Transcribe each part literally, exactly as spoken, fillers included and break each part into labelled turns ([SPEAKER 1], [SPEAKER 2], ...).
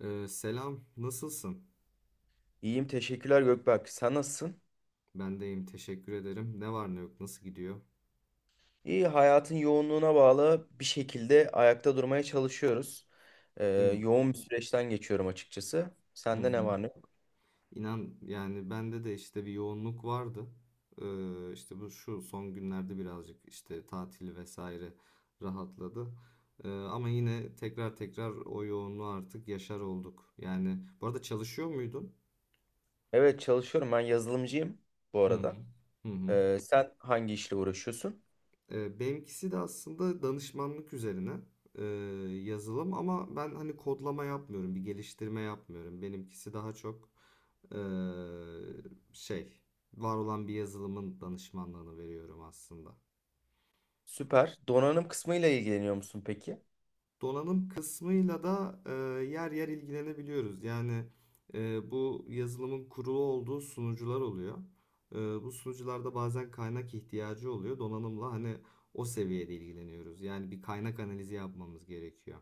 [SPEAKER 1] Ee, selam, nasılsın?
[SPEAKER 2] İyiyim teşekkürler Gökberk. Sen nasılsın?
[SPEAKER 1] Ben deyim, teşekkür ederim. Ne var ne yok, nasıl gidiyor?
[SPEAKER 2] İyi hayatın yoğunluğuna bağlı bir şekilde ayakta durmaya çalışıyoruz. Ee,
[SPEAKER 1] Değil mi?
[SPEAKER 2] yoğun bir süreçten geçiyorum açıkçası.
[SPEAKER 1] Hı
[SPEAKER 2] Sende ne
[SPEAKER 1] hı.
[SPEAKER 2] var ne yok?
[SPEAKER 1] İnan yani bende de işte bir yoğunluk vardı. Ee, işte bu şu son günlerde birazcık işte tatil vesaire rahatladı. Ee, ama yine tekrar tekrar o yoğunluğu artık yaşar olduk. Yani bu arada çalışıyor muydun?
[SPEAKER 2] Evet çalışıyorum. Ben yazılımcıyım bu
[SPEAKER 1] Hı hı.
[SPEAKER 2] arada.
[SPEAKER 1] Hı hı.
[SPEAKER 2] Ee, sen hangi işle uğraşıyorsun?
[SPEAKER 1] E, benimkisi de aslında danışmanlık üzerine, e, yazılım, ama ben hani kodlama yapmıyorum, bir geliştirme yapmıyorum. Benimkisi daha çok, e, şey, var olan bir yazılımın danışmanlığını veriyorum aslında.
[SPEAKER 2] Süper. Donanım kısmıyla ilgileniyor musun peki?
[SPEAKER 1] Donanım kısmıyla da, e, yer yer ilgilenebiliyoruz. Yani e, bu yazılımın kurulu olduğu sunucular oluyor. E, bu sunucularda bazen kaynak ihtiyacı oluyor. Donanımla hani o seviyede ilgileniyoruz. Yani bir kaynak analizi yapmamız gerekiyor.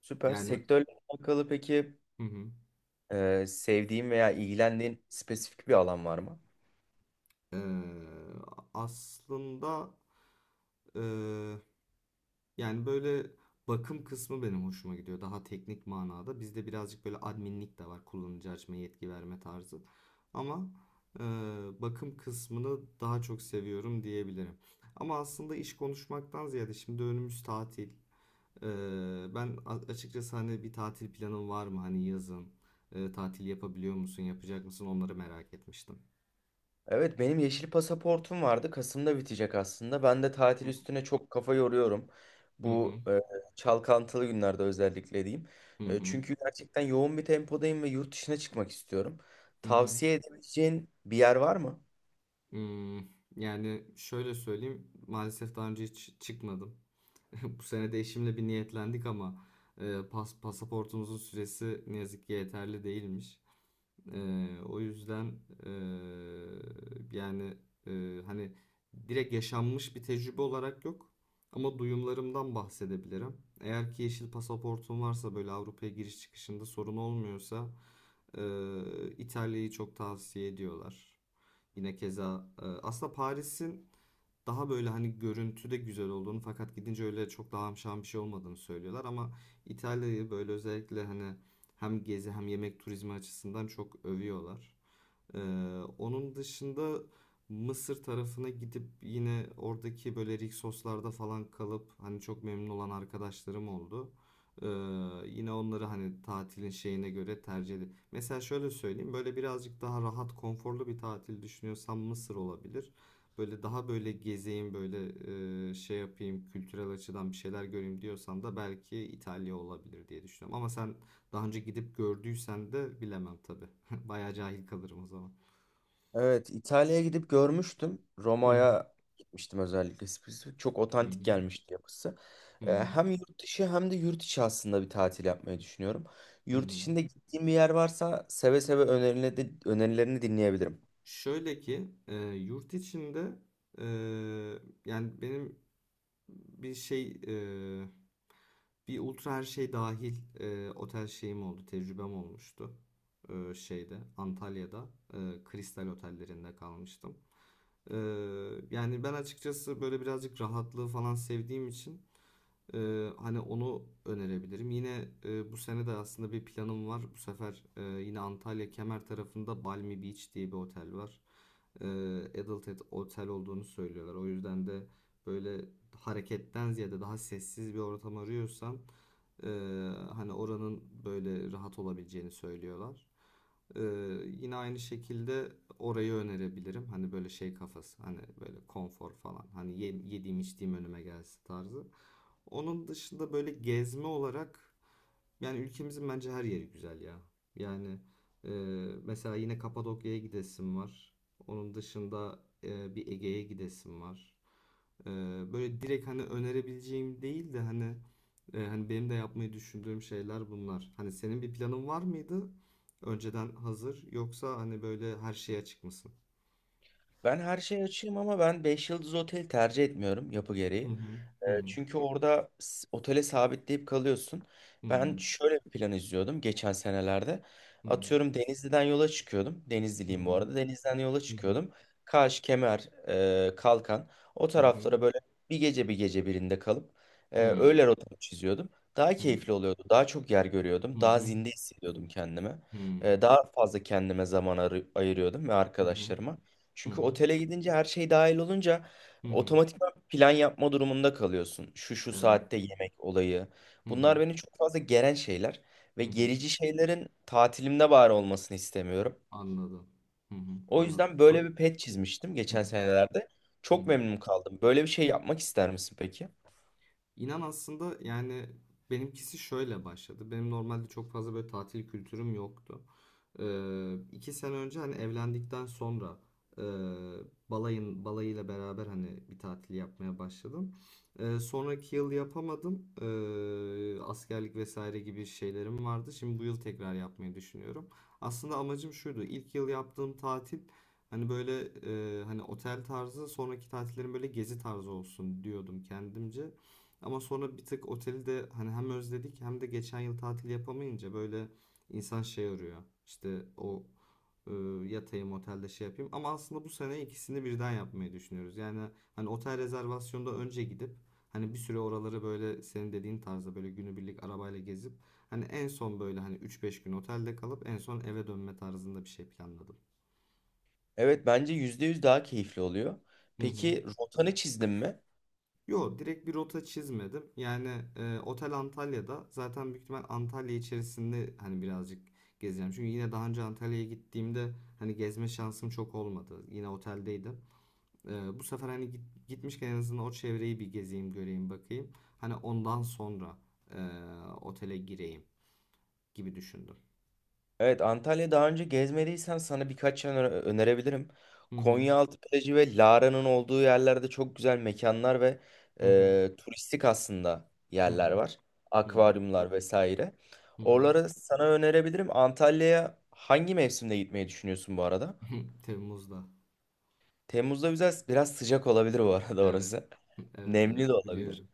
[SPEAKER 2] Süper.
[SPEAKER 1] Yani.
[SPEAKER 2] Sektörle alakalı peki
[SPEAKER 1] Hı hı.
[SPEAKER 2] e, sevdiğin veya ilgilendiğin spesifik bir alan var mı?
[SPEAKER 1] Ee, aslında, ee, yani böyle bakım kısmı benim hoşuma gidiyor. Daha teknik manada. Bizde birazcık böyle adminlik de var. Kullanıcı açma yetki verme tarzı. Ama e, bakım kısmını daha çok seviyorum diyebilirim. Ama aslında iş konuşmaktan ziyade şimdi önümüz tatil. E, ben a- açıkçası hani bir tatil planın var mı? Hani yazın e, tatil yapabiliyor musun? Yapacak mısın? Onları merak etmiştim.
[SPEAKER 2] Evet benim yeşil pasaportum vardı. Kasım'da bitecek aslında. Ben de tatil
[SPEAKER 1] Hı.
[SPEAKER 2] üstüne çok kafa yoruyorum.
[SPEAKER 1] Hı.
[SPEAKER 2] Bu e, çalkantılı günlerde özellikle diyeyim.
[SPEAKER 1] Hı
[SPEAKER 2] E,
[SPEAKER 1] hı,
[SPEAKER 2] çünkü gerçekten yoğun bir tempodayım ve yurt dışına çıkmak istiyorum.
[SPEAKER 1] hı hı.
[SPEAKER 2] Tavsiye edebileceğin bir yer var mı?
[SPEAKER 1] Hmm, yani şöyle söyleyeyim, maalesef daha önce hiç çıkmadım. Bu sene de eşimle bir niyetlendik ama e, pas, pasaportumuzun süresi ne yazık ki yeterli değilmiş. E, o yüzden, e, yani, e, hani direkt yaşanmış bir tecrübe olarak yok, ama duyumlarımdan bahsedebilirim. Eğer ki yeşil pasaportum varsa, böyle Avrupa'ya giriş çıkışında sorun olmuyorsa, e, İtalya'yı çok tavsiye ediyorlar. Yine keza e, aslında Paris'in daha böyle hani görüntüde güzel olduğunu, fakat gidince öyle çok da hamşan bir şey olmadığını söylüyorlar, ama İtalya'yı böyle özellikle hani hem gezi hem yemek turizmi açısından çok övüyorlar. Ee, onun dışında Mısır tarafına gidip yine oradaki böyle Rixos'larda falan kalıp hani çok memnun olan arkadaşlarım oldu. Ee, yine onları hani tatilin şeyine göre tercih edin. Mesela şöyle söyleyeyim, böyle birazcık daha rahat konforlu bir tatil düşünüyorsam Mısır olabilir. Böyle daha böyle gezeyim, böyle e, şey yapayım, kültürel açıdan bir şeyler göreyim diyorsan da belki İtalya olabilir diye düşünüyorum. Ama sen daha önce gidip gördüysen de bilemem tabii. Bayağı cahil kalırım o zaman.
[SPEAKER 2] Evet İtalya'ya gidip görmüştüm.
[SPEAKER 1] Hı hı,
[SPEAKER 2] Roma'ya gitmiştim özellikle. Spesifik. Çok
[SPEAKER 1] hı hı,
[SPEAKER 2] otantik gelmişti yapısı.
[SPEAKER 1] hı
[SPEAKER 2] E,
[SPEAKER 1] hı,
[SPEAKER 2] hem yurt dışı hem de yurt içi aslında bir tatil yapmayı düşünüyorum.
[SPEAKER 1] hı.
[SPEAKER 2] Yurt içinde gittiğim bir yer varsa seve seve önerileri, önerilerini dinleyebilirim.
[SPEAKER 1] Şöyle ki e, yurt içinde, e, yani benim bir şey e, bir ultra her şey dahil e, otel şeyim oldu, tecrübem olmuştu. E, şeyde Antalya'da, e, Kristal otellerinde kalmıştım. E, yani ben açıkçası böyle birazcık rahatlığı falan sevdiğim için, Ee, hani onu önerebilirim. Yine e, bu sene de aslında bir planım var. Bu sefer e, yine Antalya Kemer tarafında Balmy Beach diye bir otel var. Ee, Adult et- otel olduğunu söylüyorlar. O yüzden de böyle hareketten ziyade daha sessiz bir ortam arıyorsan, e, hani oranın böyle rahat olabileceğini söylüyorlar. Ee, yine aynı şekilde orayı önerebilirim. Hani böyle şey kafası, hani böyle konfor falan. Hani ye- yediğim içtiğim önüme gelsin tarzı. Onun dışında böyle gezme olarak, yani ülkemizin bence her yeri güzel ya. Yani e, mesela yine Kapadokya'ya gidesim var. Onun dışında e, bir Ege'ye gidesim var. E, böyle direkt hani önerebileceğim değil de, hani e, hani benim de yapmayı düşündüğüm şeyler bunlar. Hani senin bir planın var mıydı? Önceden hazır, yoksa hani böyle her şeye açık mısın?
[SPEAKER 2] Ben her şeyi açayım ama ben beş yıldız otel tercih etmiyorum yapı
[SPEAKER 1] Hı
[SPEAKER 2] gereği.
[SPEAKER 1] hı,
[SPEAKER 2] Ee,
[SPEAKER 1] hı
[SPEAKER 2] çünkü orada s- otele sabitleyip kalıyorsun.
[SPEAKER 1] hı,
[SPEAKER 2] Ben
[SPEAKER 1] hı
[SPEAKER 2] şöyle bir plan izliyordum geçen senelerde.
[SPEAKER 1] hı,
[SPEAKER 2] Atıyorum Denizli'den yola çıkıyordum.
[SPEAKER 1] hı
[SPEAKER 2] Denizliliyim bu
[SPEAKER 1] hı,
[SPEAKER 2] arada. Denizli'den yola
[SPEAKER 1] hı
[SPEAKER 2] çıkıyordum. Kaş, Kemer, e, Kalkan. O
[SPEAKER 1] hı, hı
[SPEAKER 2] taraflara böyle bir gece bir gece birinde kalıp e,
[SPEAKER 1] hı, hı
[SPEAKER 2] öyle rotamı çiziyordum. Daha
[SPEAKER 1] hı,
[SPEAKER 2] keyifli oluyordu. Daha çok yer
[SPEAKER 1] hı
[SPEAKER 2] görüyordum.
[SPEAKER 1] hı. Hı.
[SPEAKER 2] Daha zinde hissediyordum kendimi. E,
[SPEAKER 1] Hmm.
[SPEAKER 2] daha fazla kendime zaman arı- ayırıyordum ve
[SPEAKER 1] Hı hı.
[SPEAKER 2] arkadaşlarıma.
[SPEAKER 1] Hı
[SPEAKER 2] Çünkü
[SPEAKER 1] hı.
[SPEAKER 2] otele gidince her şey dahil olunca
[SPEAKER 1] Hı hı.
[SPEAKER 2] otomatik plan yapma durumunda kalıyorsun. Şu şu
[SPEAKER 1] Evet.
[SPEAKER 2] saatte yemek olayı.
[SPEAKER 1] Hı hı.
[SPEAKER 2] Bunlar beni çok fazla geren şeyler
[SPEAKER 1] Hı
[SPEAKER 2] ve
[SPEAKER 1] hı.
[SPEAKER 2] gerici şeylerin tatilimde bari olmasını istemiyorum.
[SPEAKER 1] Anladım. Hı hı.
[SPEAKER 2] O
[SPEAKER 1] Anladım.
[SPEAKER 2] yüzden böyle
[SPEAKER 1] Çok.
[SPEAKER 2] bir pet çizmiştim
[SPEAKER 1] Hı hı.
[SPEAKER 2] geçen senelerde.
[SPEAKER 1] Hı hı.
[SPEAKER 2] Çok memnun kaldım. Böyle bir şey yapmak ister misin peki?
[SPEAKER 1] İnan aslında yani benimkisi şöyle başladı. Benim normalde çok fazla böyle tatil kültürüm yoktu. Ee, iki sene önce, hani evlendikten sonra, e, balayın balayıyla beraber hani bir tatil yapmaya başladım. Ee, sonraki yıl yapamadım. Ee, askerlik vesaire gibi şeylerim vardı. Şimdi bu yıl tekrar yapmayı düşünüyorum. Aslında amacım şuydu. İlk yıl yaptığım tatil, hani böyle e, hani otel tarzı, sonraki tatillerim böyle gezi tarzı olsun diyordum kendimce. Ama sonra bir tık oteli de hani hem özledik, hem de geçen yıl tatil yapamayınca böyle insan şey arıyor. İşte o, e, yatayım otelde, şey yapayım. Ama aslında bu sene ikisini birden yapmayı düşünüyoruz. Yani hani otel rezervasyonda önce gidip, hani bir süre oraları böyle senin dediğin tarzda böyle günübirlik arabayla gezip, hani en son böyle hani üç beş gün otelde kalıp en son eve dönme tarzında bir şey planladım.
[SPEAKER 2] Evet bence yüzde yüz daha keyifli oluyor.
[SPEAKER 1] Hı hı.
[SPEAKER 2] Peki rotanı çizdin mi?
[SPEAKER 1] Yo, direkt bir rota çizmedim. Yani e, otel Antalya'da zaten, büyük ihtimal Antalya içerisinde hani birazcık gezeceğim. Çünkü yine daha önce Antalya'ya gittiğimde hani gezme şansım çok olmadı. Yine oteldeydim. E, bu sefer hani git- gitmişken en azından o çevreyi bir gezeyim, göreyim, bakayım. Hani ondan sonra e, otele gireyim gibi düşündüm.
[SPEAKER 2] Evet Antalya daha önce gezmediysen sana birkaç yer öne- önerebilirim.
[SPEAKER 1] Hı hı,
[SPEAKER 2] Konyaaltı plajı ve Lara'nın olduğu yerlerde çok güzel mekanlar ve
[SPEAKER 1] hı hı,
[SPEAKER 2] e, turistik aslında
[SPEAKER 1] hı
[SPEAKER 2] yerler var.
[SPEAKER 1] hı,
[SPEAKER 2] Akvaryumlar vesaire.
[SPEAKER 1] hı hı. Hı. Hı.
[SPEAKER 2] Oraları sana önerebilirim. Antalya'ya hangi mevsimde gitmeyi düşünüyorsun bu arada?
[SPEAKER 1] Temmuz'da.
[SPEAKER 2] Temmuz'da güzel, biraz sıcak olabilir bu arada
[SPEAKER 1] Evet.
[SPEAKER 2] orası.
[SPEAKER 1] Evet, evet,
[SPEAKER 2] Nemli de olabilir.
[SPEAKER 1] biliyorum.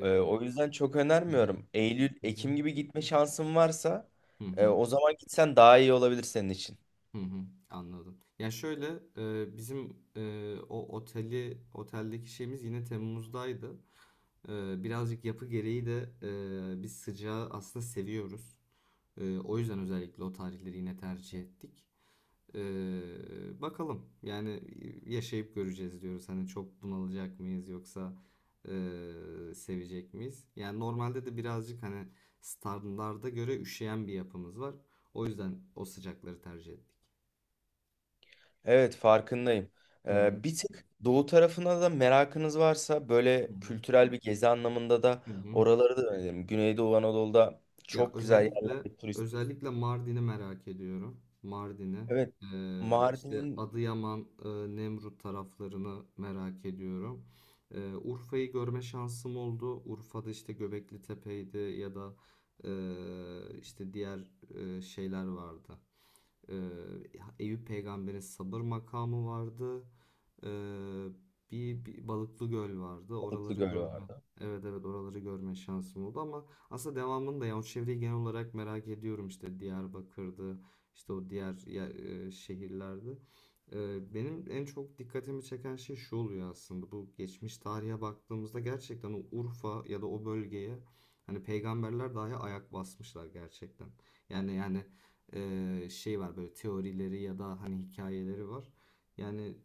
[SPEAKER 2] E, o yüzden çok önermiyorum. Eylül,
[SPEAKER 1] Hı hı, hı hı.
[SPEAKER 2] Ekim gibi gitme şansın varsa
[SPEAKER 1] Hı
[SPEAKER 2] e,
[SPEAKER 1] hı.
[SPEAKER 2] o zaman gitsen daha iyi olabilir senin için.
[SPEAKER 1] Hı hı, anladım. Ya şöyle, e, bizim, e, o oteli oteldeki şeyimiz yine Temmuz'daydı. E, birazcık yapı gereği de, e, biz sıcağı aslında seviyoruz. E, o yüzden özellikle o tarihleri yine tercih ettik. E, bakalım yani, yaşayıp göreceğiz diyoruz. Hani çok bunalacak mıyız, yoksa e, sevecek miyiz? Yani normalde de birazcık hani standarda göre üşüyen bir yapımız var. O yüzden o sıcakları tercih ettik.
[SPEAKER 2] Evet farkındayım.
[SPEAKER 1] Hı hı.
[SPEAKER 2] Ee, bir tık doğu tarafına da merakınız varsa
[SPEAKER 1] Hı
[SPEAKER 2] böyle
[SPEAKER 1] hı.
[SPEAKER 2] kültürel bir gezi anlamında da
[SPEAKER 1] Hı hı.
[SPEAKER 2] oraları da öneririm. Güneydoğu Anadolu'da
[SPEAKER 1] Ya
[SPEAKER 2] çok güzel
[SPEAKER 1] özellikle,
[SPEAKER 2] yerler turist.
[SPEAKER 1] özellikle Mardin'i merak ediyorum. Mardin'i.
[SPEAKER 2] Evet.
[SPEAKER 1] Ee, işte
[SPEAKER 2] Mardin'in
[SPEAKER 1] Adıyaman, e, Nemrut taraflarını merak ediyorum. Ee, Urfa'yı görme şansım oldu. Urfa'da işte Göbekli Tepe'ydi, ya da e, işte diğer e, şeyler vardı. Ee, Eyüp Peygamber'in sabır makamı vardı. Ee, bir, bir Balıklı Göl vardı.
[SPEAKER 2] Balıklı
[SPEAKER 1] Oraları
[SPEAKER 2] Gölü
[SPEAKER 1] görme.
[SPEAKER 2] vardı.
[SPEAKER 1] Evet, evet, oraları görme şansım oldu, ama aslında devamını da, yani o çevreyi genel olarak merak ediyorum, işte Diyarbakır'dı, işte o diğer yer- e, şehirlerde. Ee, benim en çok dikkatimi çeken şey şu oluyor aslında: bu geçmiş tarihe baktığımızda gerçekten o Urfa ya da o bölgeye hani peygamberler dahi ayak basmışlar gerçekten. Yani yani e, şey var, böyle teorileri ya da hani hikayeleri var. Yani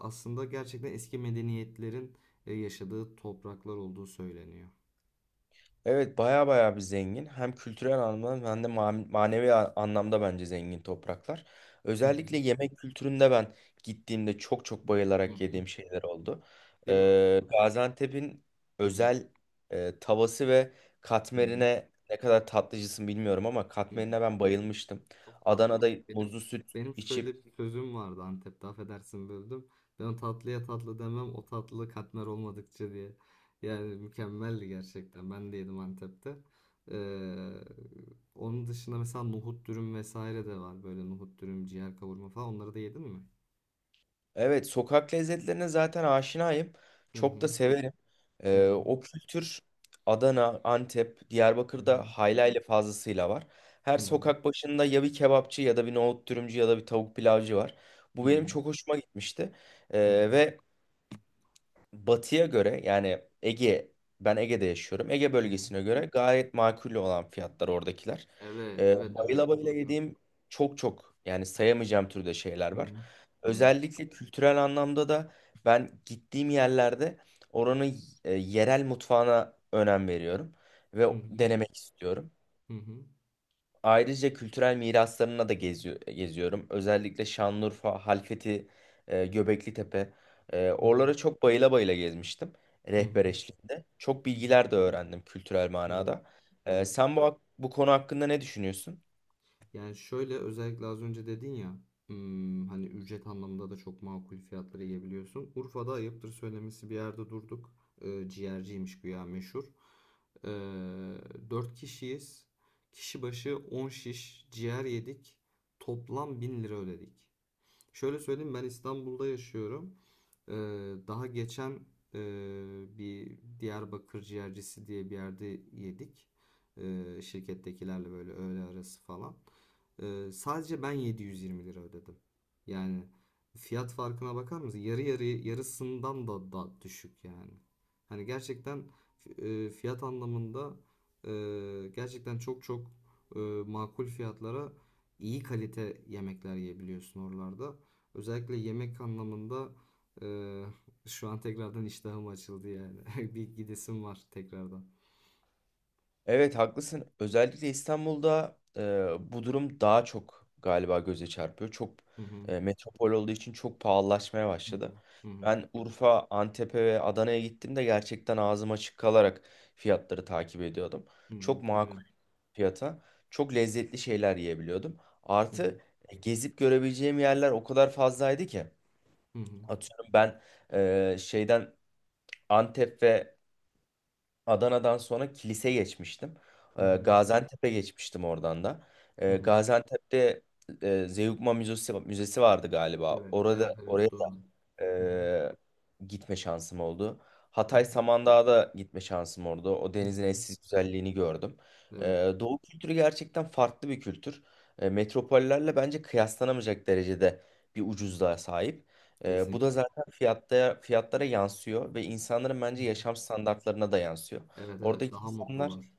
[SPEAKER 1] aslında gerçekten eski medeniyetlerin e, yaşadığı topraklar olduğu söyleniyor.
[SPEAKER 2] Evet baya baya bir zengin. Hem kültürel anlamda hem de ma- manevi a- anlamda bence zengin topraklar.
[SPEAKER 1] Hı.
[SPEAKER 2] Özellikle yemek kültüründe ben gittiğimde çok çok
[SPEAKER 1] Hı hı.
[SPEAKER 2] bayılarak
[SPEAKER 1] Hı.
[SPEAKER 2] yediğim şeyler oldu.
[SPEAKER 1] Değil mi?
[SPEAKER 2] Ee, Gaziantep'in
[SPEAKER 1] Hı hı.
[SPEAKER 2] özel e, tavası ve
[SPEAKER 1] Hı hı.
[SPEAKER 2] katmerine ne kadar tatlıcısın bilmiyorum ama
[SPEAKER 1] Hı hı.
[SPEAKER 2] katmerine ben bayılmıştım.
[SPEAKER 1] Çok tatlı.
[SPEAKER 2] Adana'da
[SPEAKER 1] Benim
[SPEAKER 2] muzlu süt
[SPEAKER 1] benim
[SPEAKER 2] içip.
[SPEAKER 1] şöyle bir sözüm vardı Antep'te, affedersin böldüm. Ben o tatlıya tatlı demem o tatlı katmer olmadıkça diye. Yani mükemmeldi gerçekten. Ben de yedim Antep'te. Ee, onun dışında mesela nohut dürüm vesaire de var. Böyle nohut dürüm, ciğer kavurma falan. Onları da yedin mi?
[SPEAKER 2] Evet, sokak lezzetlerine zaten aşinayım.
[SPEAKER 1] Hı
[SPEAKER 2] Çok
[SPEAKER 1] hı.
[SPEAKER 2] da severim.
[SPEAKER 1] Hı
[SPEAKER 2] Ee,
[SPEAKER 1] hı.
[SPEAKER 2] o kültür Adana, Antep,
[SPEAKER 1] Hı
[SPEAKER 2] Diyarbakır'da
[SPEAKER 1] hı.
[SPEAKER 2] haylayla fazlasıyla var. Her
[SPEAKER 1] Hı
[SPEAKER 2] sokak başında ya bir kebapçı ya da bir nohut dürümcü ya da bir tavuk pilavcı var.
[SPEAKER 1] hı.
[SPEAKER 2] Bu
[SPEAKER 1] Hı
[SPEAKER 2] benim
[SPEAKER 1] hı.
[SPEAKER 2] çok hoşuma gitmişti. Ee,
[SPEAKER 1] Hı hı.
[SPEAKER 2] ve Batı'ya göre yani Ege, ben Ege'de yaşıyorum. Ege
[SPEAKER 1] Hı hı.
[SPEAKER 2] bölgesine göre gayet makul olan fiyatlar oradakiler.
[SPEAKER 1] Evet,
[SPEAKER 2] Ee,
[SPEAKER 1] evet, evet.
[SPEAKER 2] bayıla bayıla
[SPEAKER 1] Doğru.
[SPEAKER 2] yediğim çok çok yani sayamayacağım türde şeyler
[SPEAKER 1] Hı
[SPEAKER 2] var.
[SPEAKER 1] hı. Doğru.
[SPEAKER 2] Özellikle kültürel anlamda da ben gittiğim yerlerde oranın e, yerel mutfağına önem veriyorum
[SPEAKER 1] Hı
[SPEAKER 2] ve
[SPEAKER 1] hı.
[SPEAKER 2] denemek istiyorum.
[SPEAKER 1] Hı hı.
[SPEAKER 2] Ayrıca kültürel miraslarına da geziyor, geziyorum. Özellikle Şanlıurfa, Halfeti, e, Göbeklitepe. E,
[SPEAKER 1] Hı hı.
[SPEAKER 2] oralara çok bayıla bayıla gezmiştim.
[SPEAKER 1] Hı hı.
[SPEAKER 2] Rehber eşliğinde. Çok
[SPEAKER 1] Hı hı.
[SPEAKER 2] bilgiler de öğrendim kültürel
[SPEAKER 1] Evet.
[SPEAKER 2] manada. E,
[SPEAKER 1] Evet.
[SPEAKER 2] sen bu, hak- bu konu hakkında ne düşünüyorsun?
[SPEAKER 1] Yani şöyle, özellikle az önce dedin ya, hmm, hani ücret anlamında da çok makul fiyatları yiyebiliyorsun. Urfa'da ayıptır söylemesi bir yerde durduk. Ee, ciğerciymiş güya meşhur. Ee, dört kişiyiz. Kişi başı on şiş ciğer yedik. Toplam bin lira ödedik. Şöyle söyleyeyim, ben İstanbul'da yaşıyorum. Ee, daha geçen, e, bir Diyarbakır ciğercisi diye bir yerde yedik. Ee, şirkettekilerle böyle öğle arası falan. Ee, sadece ben yedi yüz yirmi lira ödedim. Yani fiyat farkına bakar mısın? Yarı yarı yarısından da, da düşük yani. Hani gerçekten e, fiyat anlamında, e, gerçekten çok çok e, makul fiyatlara iyi kalite yemekler yiyebiliyorsun oralarda. Özellikle yemek anlamında e, şu an tekrardan iştahım açıldı yani. Bir gidesim var tekrardan.
[SPEAKER 2] Evet haklısın. Özellikle İstanbul'da e, bu durum daha çok galiba göze çarpıyor. Çok
[SPEAKER 1] Hı hı.
[SPEAKER 2] e, metropol olduğu için çok pahalılaşmaya
[SPEAKER 1] Hı hı.
[SPEAKER 2] başladı.
[SPEAKER 1] Hı hı.
[SPEAKER 2] Ben Urfa, Antep'e ve Adana'ya gittiğimde gerçekten ağzım açık kalarak fiyatları takip ediyordum.
[SPEAKER 1] Hı
[SPEAKER 2] Çok
[SPEAKER 1] hı. Değil
[SPEAKER 2] makul
[SPEAKER 1] mi?
[SPEAKER 2] fiyata, çok lezzetli şeyler yiyebiliyordum.
[SPEAKER 1] Hı hı.
[SPEAKER 2] Artı e, gezip görebileceğim yerler o kadar fazlaydı ki.
[SPEAKER 1] Hı hı.
[SPEAKER 2] Atıyorum ben e, şeyden Antep ve Adana'dan sonra Kilis'e geçmiştim.
[SPEAKER 1] Hı
[SPEAKER 2] Ee,
[SPEAKER 1] hı.
[SPEAKER 2] Gaziantep'e geçmiştim oradan da.
[SPEAKER 1] Hı
[SPEAKER 2] Ee,
[SPEAKER 1] hı.
[SPEAKER 2] Gaziantep'te e, Zeugma Müzesi, Müzesi vardı galiba.
[SPEAKER 1] Evet.
[SPEAKER 2] Orada
[SPEAKER 1] Evet. Evet.
[SPEAKER 2] oraya
[SPEAKER 1] Doğru. Hı hı.
[SPEAKER 2] ee, gitme şansım oldu.
[SPEAKER 1] Hı
[SPEAKER 2] Hatay
[SPEAKER 1] hı.
[SPEAKER 2] Samandağ'da gitme şansım oldu. O
[SPEAKER 1] Hı hı.
[SPEAKER 2] denizin eşsiz güzelliğini gördüm.
[SPEAKER 1] Evet.
[SPEAKER 2] Ee, Doğu kültürü gerçekten farklı bir kültür. Ee, metropollerle bence kıyaslanamayacak derecede bir ucuzluğa sahip. Ee, bu da
[SPEAKER 1] Kesinlikle.
[SPEAKER 2] zaten fiyatta, fiyatlara yansıyor ve insanların
[SPEAKER 1] Hı
[SPEAKER 2] bence
[SPEAKER 1] hı.
[SPEAKER 2] yaşam standartlarına da yansıyor.
[SPEAKER 1] Evet. Evet.
[SPEAKER 2] Oradaki
[SPEAKER 1] Daha
[SPEAKER 2] insanlar
[SPEAKER 1] mutlular.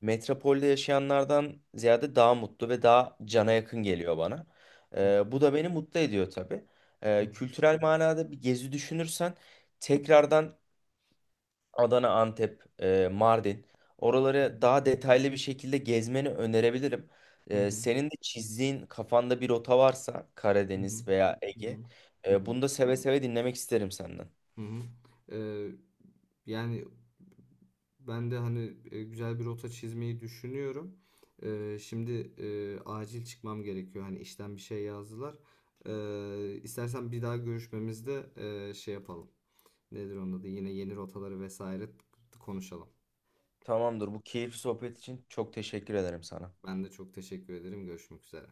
[SPEAKER 2] metropolde yaşayanlardan ziyade daha mutlu ve daha
[SPEAKER 1] Hı
[SPEAKER 2] cana
[SPEAKER 1] hı.
[SPEAKER 2] yakın geliyor bana.
[SPEAKER 1] Hı hı.
[SPEAKER 2] Ee, bu da beni mutlu ediyor tabii.
[SPEAKER 1] Hı hı.
[SPEAKER 2] Ee, kültürel manada bir gezi düşünürsen tekrardan Adana, Antep, e, Mardin
[SPEAKER 1] Hı hı.
[SPEAKER 2] oraları daha detaylı bir şekilde gezmeni önerebilirim.
[SPEAKER 1] Hı
[SPEAKER 2] Ee,
[SPEAKER 1] hı.
[SPEAKER 2] senin de çizdiğin kafanda bir rota varsa
[SPEAKER 1] Hı hı.
[SPEAKER 2] Karadeniz veya
[SPEAKER 1] Hı
[SPEAKER 2] Ege,
[SPEAKER 1] hı. Hı
[SPEAKER 2] e,
[SPEAKER 1] hı.
[SPEAKER 2] bunu da seve seve dinlemek isterim senden.
[SPEAKER 1] Hı hı. Ee, yani ben de hani e, güzel bir rota çizmeyi düşünüyorum. Ee, şimdi e, acil çıkmam gerekiyor. Hani işten bir şey yazdılar. Ee, istersen bir daha görüşmemizde e, şey yapalım. Nedir onun adı? Yine yeni rotaları vesaire konuşalım.
[SPEAKER 2] Tamamdır. Bu keyifli sohbet için çok teşekkür ederim sana.
[SPEAKER 1] Ben de çok teşekkür ederim. Görüşmek üzere.